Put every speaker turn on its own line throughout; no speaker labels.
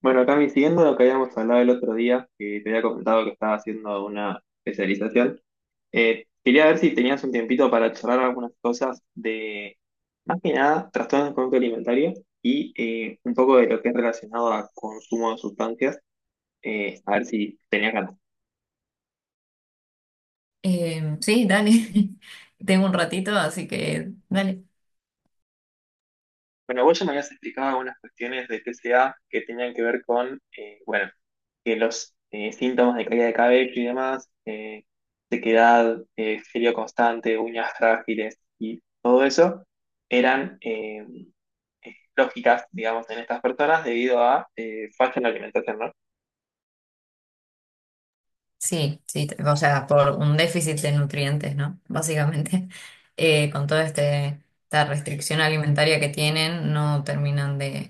Bueno, Cami, siguiendo lo que habíamos hablado el otro día, que te había comentado que estaba haciendo una especialización, quería ver si tenías un tiempito para charlar algunas cosas de, más que nada, trastornos del conducta alimentaria y un poco de lo que es relacionado a consumo de sustancias, a ver si tenías ganas.
Sí, dale. Tengo un ratito, así que dale.
Bueno, vos ya me habías explicado algunas cuestiones de TCA que tenían que ver con, bueno, que los síntomas de caída de cabello y demás, sequedad, frío constante, uñas frágiles y todo eso, eran lógicas, digamos, en estas personas debido a falla en la alimentación, ¿no?
Sí, sí, o sea, por un déficit de nutrientes, ¿no? Básicamente, con esta restricción alimentaria que tienen, no terminan de,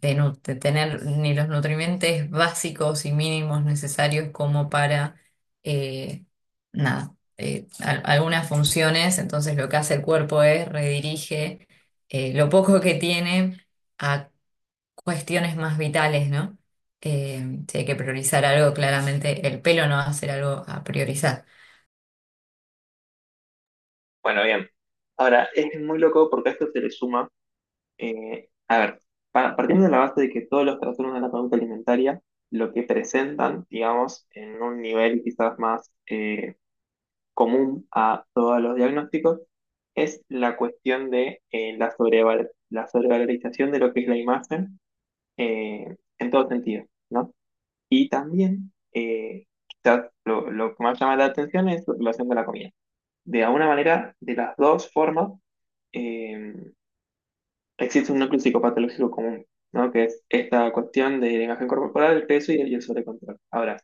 de, nu- de tener ni los nutrientes básicos y mínimos necesarios como para, eh, nada, al- algunas funciones. Entonces, lo que hace el cuerpo es redirige lo poco que tiene. Cuestiones más vitales, ¿no? Si hay que priorizar algo, claramente el pelo no va a ser algo a priorizar.
Bueno, bien. Ahora, es muy loco porque a esto se le suma. Eh, a ver, Partiendo de la base de que todos los trastornos de la conducta alimentaria lo que presentan, digamos, en un nivel quizás más común a todos los diagnósticos, es la cuestión de la sobrevalorización de lo que es la imagen en todo sentido, ¿no? Y también, quizás lo que más llama la atención es la relación de la comida. De alguna manera, de las dos formas, eh, existe un núcleo psicopatológico común, ¿no? Que es esta cuestión de la imagen corporal, el peso y el sobrecontrol. Ahora,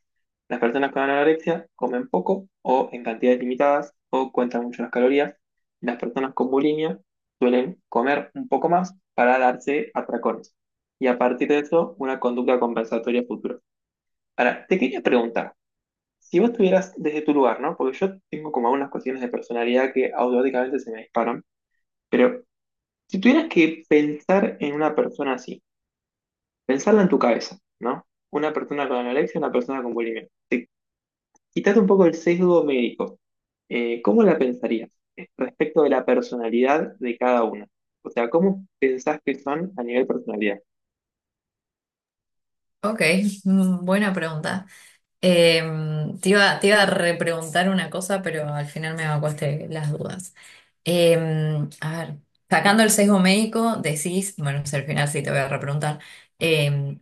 las personas con anorexia comen poco o en cantidades limitadas o cuentan mucho las calorías. Las personas con bulimia suelen comer un poco más para darse atracones. Y a partir de eso, una conducta compensatoria futura. Ahora, te quería preguntar, si vos estuvieras desde tu lugar, ¿no? Porque yo tengo como algunas cuestiones de personalidad que automáticamente se me disparan. Pero si tuvieras que pensar en una persona así, pensarla en tu cabeza, ¿no? Una persona con anorexia, una persona con bulimia. Te quitas un poco el sesgo médico. ¿Cómo la pensarías respecto de la personalidad de cada una? O sea, ¿cómo pensás que son a nivel personalidad?
Ok, mm, buena pregunta. Eh, te iba a repreguntar una cosa, pero al final me evacuaste las dudas. Eh, a ver, sacando el sesgo médico, decís, bueno, si al final sí te voy a repreguntar, em,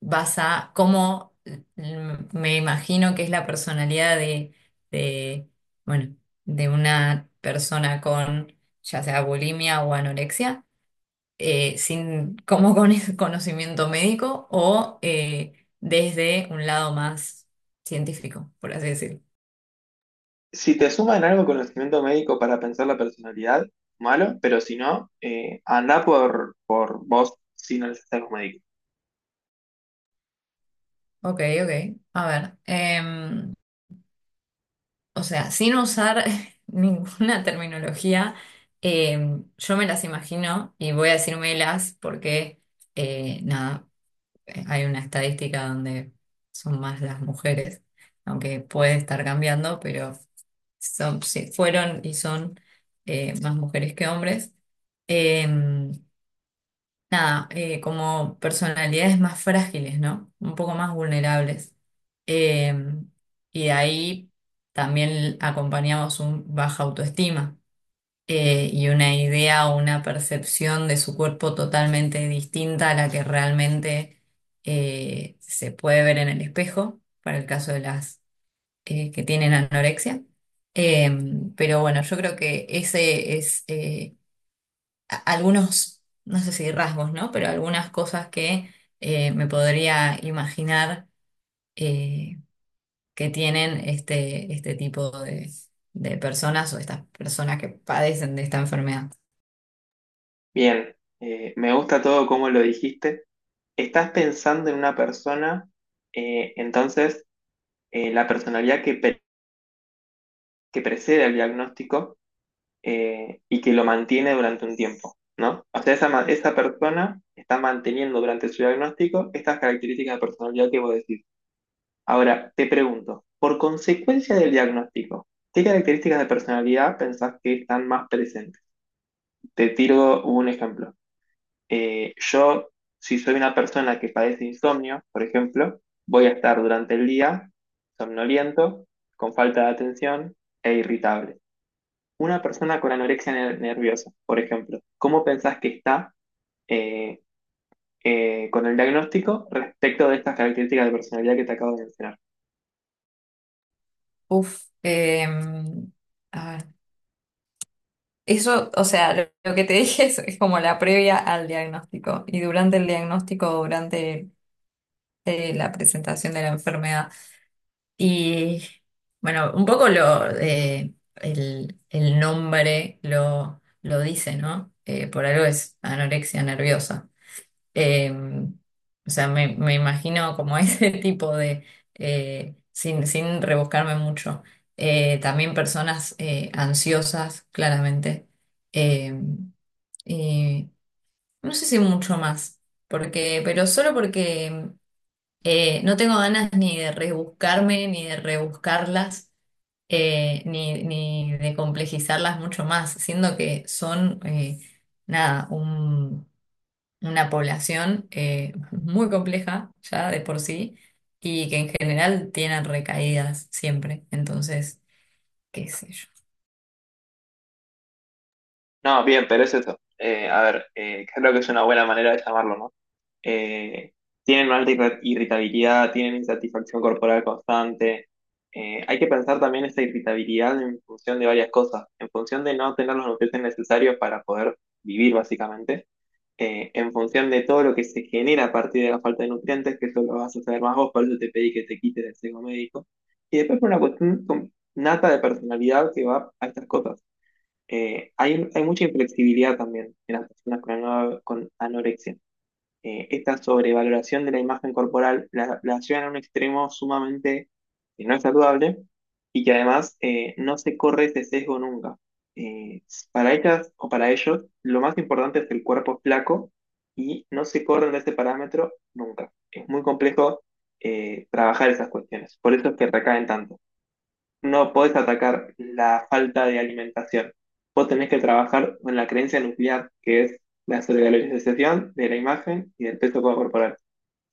vas a cómo mm, me imagino que es la personalidad de, bueno, de una persona con ya sea bulimia o anorexia, sin, como con ese conocimiento médico o desde un lado más científico, por así decirlo.
Si te suman algo conocimiento médico para pensar la personalidad, malo, pero si no, andá por vos sin el sesgo médico.
Ok, ok. A ver. O sea, sin usar ninguna terminología, yo me las imagino y voy a decir melas porque, nada, hay una estadística donde son más las mujeres, aunque puede estar cambiando, pero son, sí, fueron y son más mujeres que hombres. Em, nada, Como personalidades más frágiles, ¿no? Un poco más vulnerables. Eh, y de ahí también acompañamos un baja autoestima y una idea o una percepción de su cuerpo totalmente distinta a la que realmente se puede ver en el espejo, para el caso de las que tienen anorexia. Eh, pero bueno, yo creo que ese es... algunos, no sé si rasgos, ¿no? Pero algunas cosas que me podría imaginar eh, que tienen este tipo de personas o estas personas que padecen de esta enfermedad.
Bien, me gusta todo cómo lo dijiste. Estás pensando en una persona, entonces la personalidad que, pre- que precede al diagnóstico y que lo mantiene durante un tiempo, ¿no? O sea, esa persona está manteniendo durante su diagnóstico estas características de personalidad que vos decís. Ahora, te pregunto, por consecuencia del diagnóstico, ¿qué características de personalidad pensás que están más presentes? Te tiro un ejemplo. Yo, si soy una persona que padece insomnio, por ejemplo, voy a estar durante el día somnoliento, con falta de atención e irritable. Una persona con nerviosa, por ejemplo, ¿cómo pensás que está eh, con el diagnóstico respecto de estas características de personalidad que te acabo de mencionar?
Uf, eh, a ver. Eso, o sea, lo que te dije es como la previa al diagnóstico y durante el diagnóstico, durante la presentación de la enfermedad. Y bueno, un poco el nombre lo dice, ¿no? Por algo es anorexia nerviosa. Eh, o sea, me imagino como ese tipo de, sin rebuscarme mucho. También personas ansiosas, claramente. Eh, y no sé si mucho más, porque, pero solo porque no tengo ganas ni de rebuscarme, ni de rebuscarlas, ni de complejizarlas mucho más, siendo que son, nada, un- una población muy compleja ya de por sí y que en general tienen recaídas siempre. Entonces, qué sé yo.
No, bien, pero es eso. A ver, creo que es una buena manera de llamarlo, ¿no? eh, Tienen una irritabilidad, tienen insatisfacción corporal constante. Hay que pensar también esa irritabilidad en función de varias cosas, en función de no tener los nutrientes necesarios para poder vivir básicamente, en función de todo lo que se genera a partir de la falta de nutrientes, que eso lo vas a saber más vos, por eso te pedí que te quites el sesgo médico, y después por una cuestión con- nata de personalidad que va a estas cosas. Hay mucha inflexibilidad también en las personas con anorexia. Esta sobrevaloración de la imagen corporal la llevan a un extremo sumamente no saludable y que además no se corre ese sesgo nunca. Eh, para ellas o para ellos, lo más importante es el cuerpo flaco y no se corren de ese parámetro nunca. Es muy complejo trabajar esas cuestiones, por eso es que recaen tanto. No podés atacar la falta de alimentación. Vos tenés que trabajar con la creencia nuclear, que es la sobrevalorización de la imagen y del peso corporal.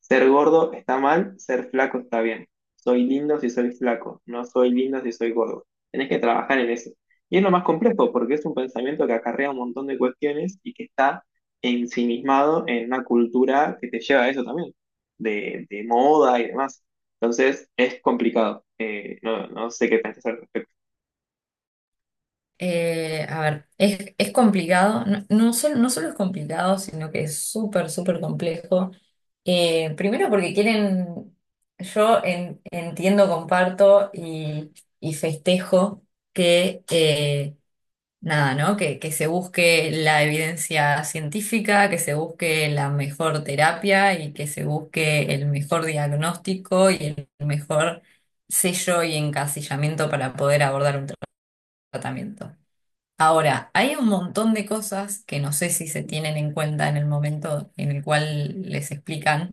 Ser gordo está mal, ser flaco está bien. Soy lindo si soy flaco, no soy lindo si soy gordo. Tenés que trabajar en eso. Y es lo más complejo porque es un pensamiento que acarrea un montón de cuestiones y que está ensimismado en una cultura que te lleva a eso también, de moda y demás. Entonces es complicado. No, no sé qué pensás al respecto.
A ver, es complicado, no solo es complicado, sino que es súper, súper complejo. Primero porque quieren, yo entiendo, comparto y festejo que, nada, ¿no? Que se busque la evidencia científica, que se busque la mejor terapia y que se busque el mejor diagnóstico y el mejor sello y encasillamiento para poder abordar un tratamiento. Ahora, hay un montón de cosas que no sé si se tienen en cuenta en el momento en el cual les explican,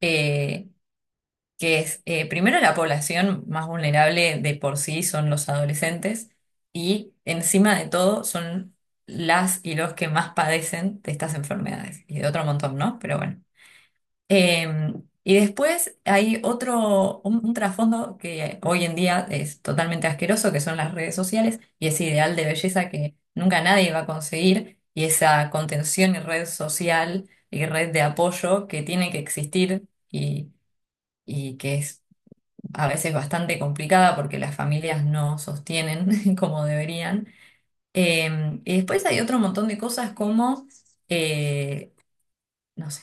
eh, primero la población más vulnerable de por sí son los adolescentes y encima de todo son las y los que más padecen de estas enfermedades y de otro montón, ¿no? Pero bueno. Eh, y después hay un trasfondo que hoy en día es totalmente asqueroso, que son las redes sociales y ese ideal de belleza que nunca nadie va a conseguir y esa contención y red social y red de apoyo que tiene que existir y que es a veces bastante complicada porque las familias no sostienen como deberían. Y después hay otro montón de cosas como... eh, no sé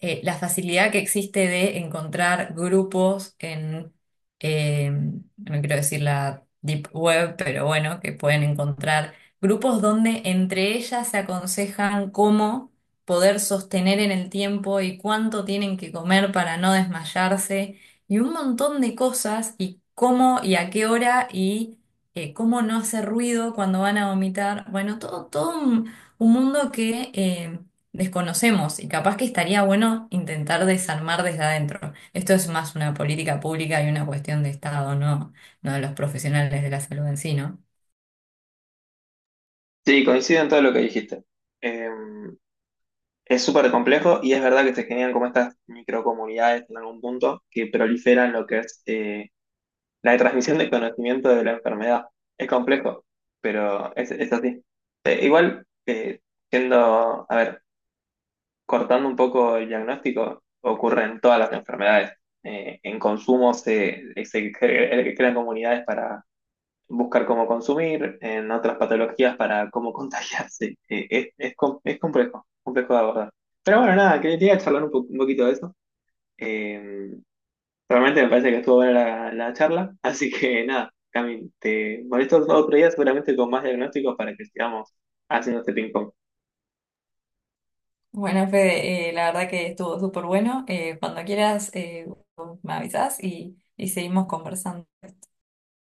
la facilidad que existe de encontrar grupos en, no quiero decir la deep web, pero bueno, que pueden encontrar grupos donde entre ellas se aconsejan cómo poder sostener en el tiempo y cuánto tienen que comer para no desmayarse y un montón de cosas y cómo y a qué hora y cómo no hacer ruido cuando van a vomitar. Bueno, todo un mundo que... desconocemos y capaz que estaría bueno intentar desarmar desde adentro. Esto es más una política pública y una cuestión de Estado, no de los profesionales de la salud en sí, ¿no?
Sí, coincido en todo lo que dijiste. Eh, es súper complejo y es verdad que se generan como estas microcomunidades en algún punto que proliferan lo que es la transmisión de conocimiento de la enfermedad. Es complejo, pero es así. Igual, a ver, cortando un poco el diagnóstico, ocurre en todas las enfermedades. En consumo crean comunidades para buscar cómo consumir, en otras patologías para cómo contagiarse. Es complejo, complejo de abordar. Pero bueno, nada, quería charlar un poquito de eso. Eh, Realmente me parece que estuvo buena la charla, así que nada, Cami, te molesto otro día seguramente con más diagnósticos para que sigamos haciendo este ping.
Bueno, Fede, la verdad que estuvo súper bueno. Cuando quieras, me avisas y seguimos conversando.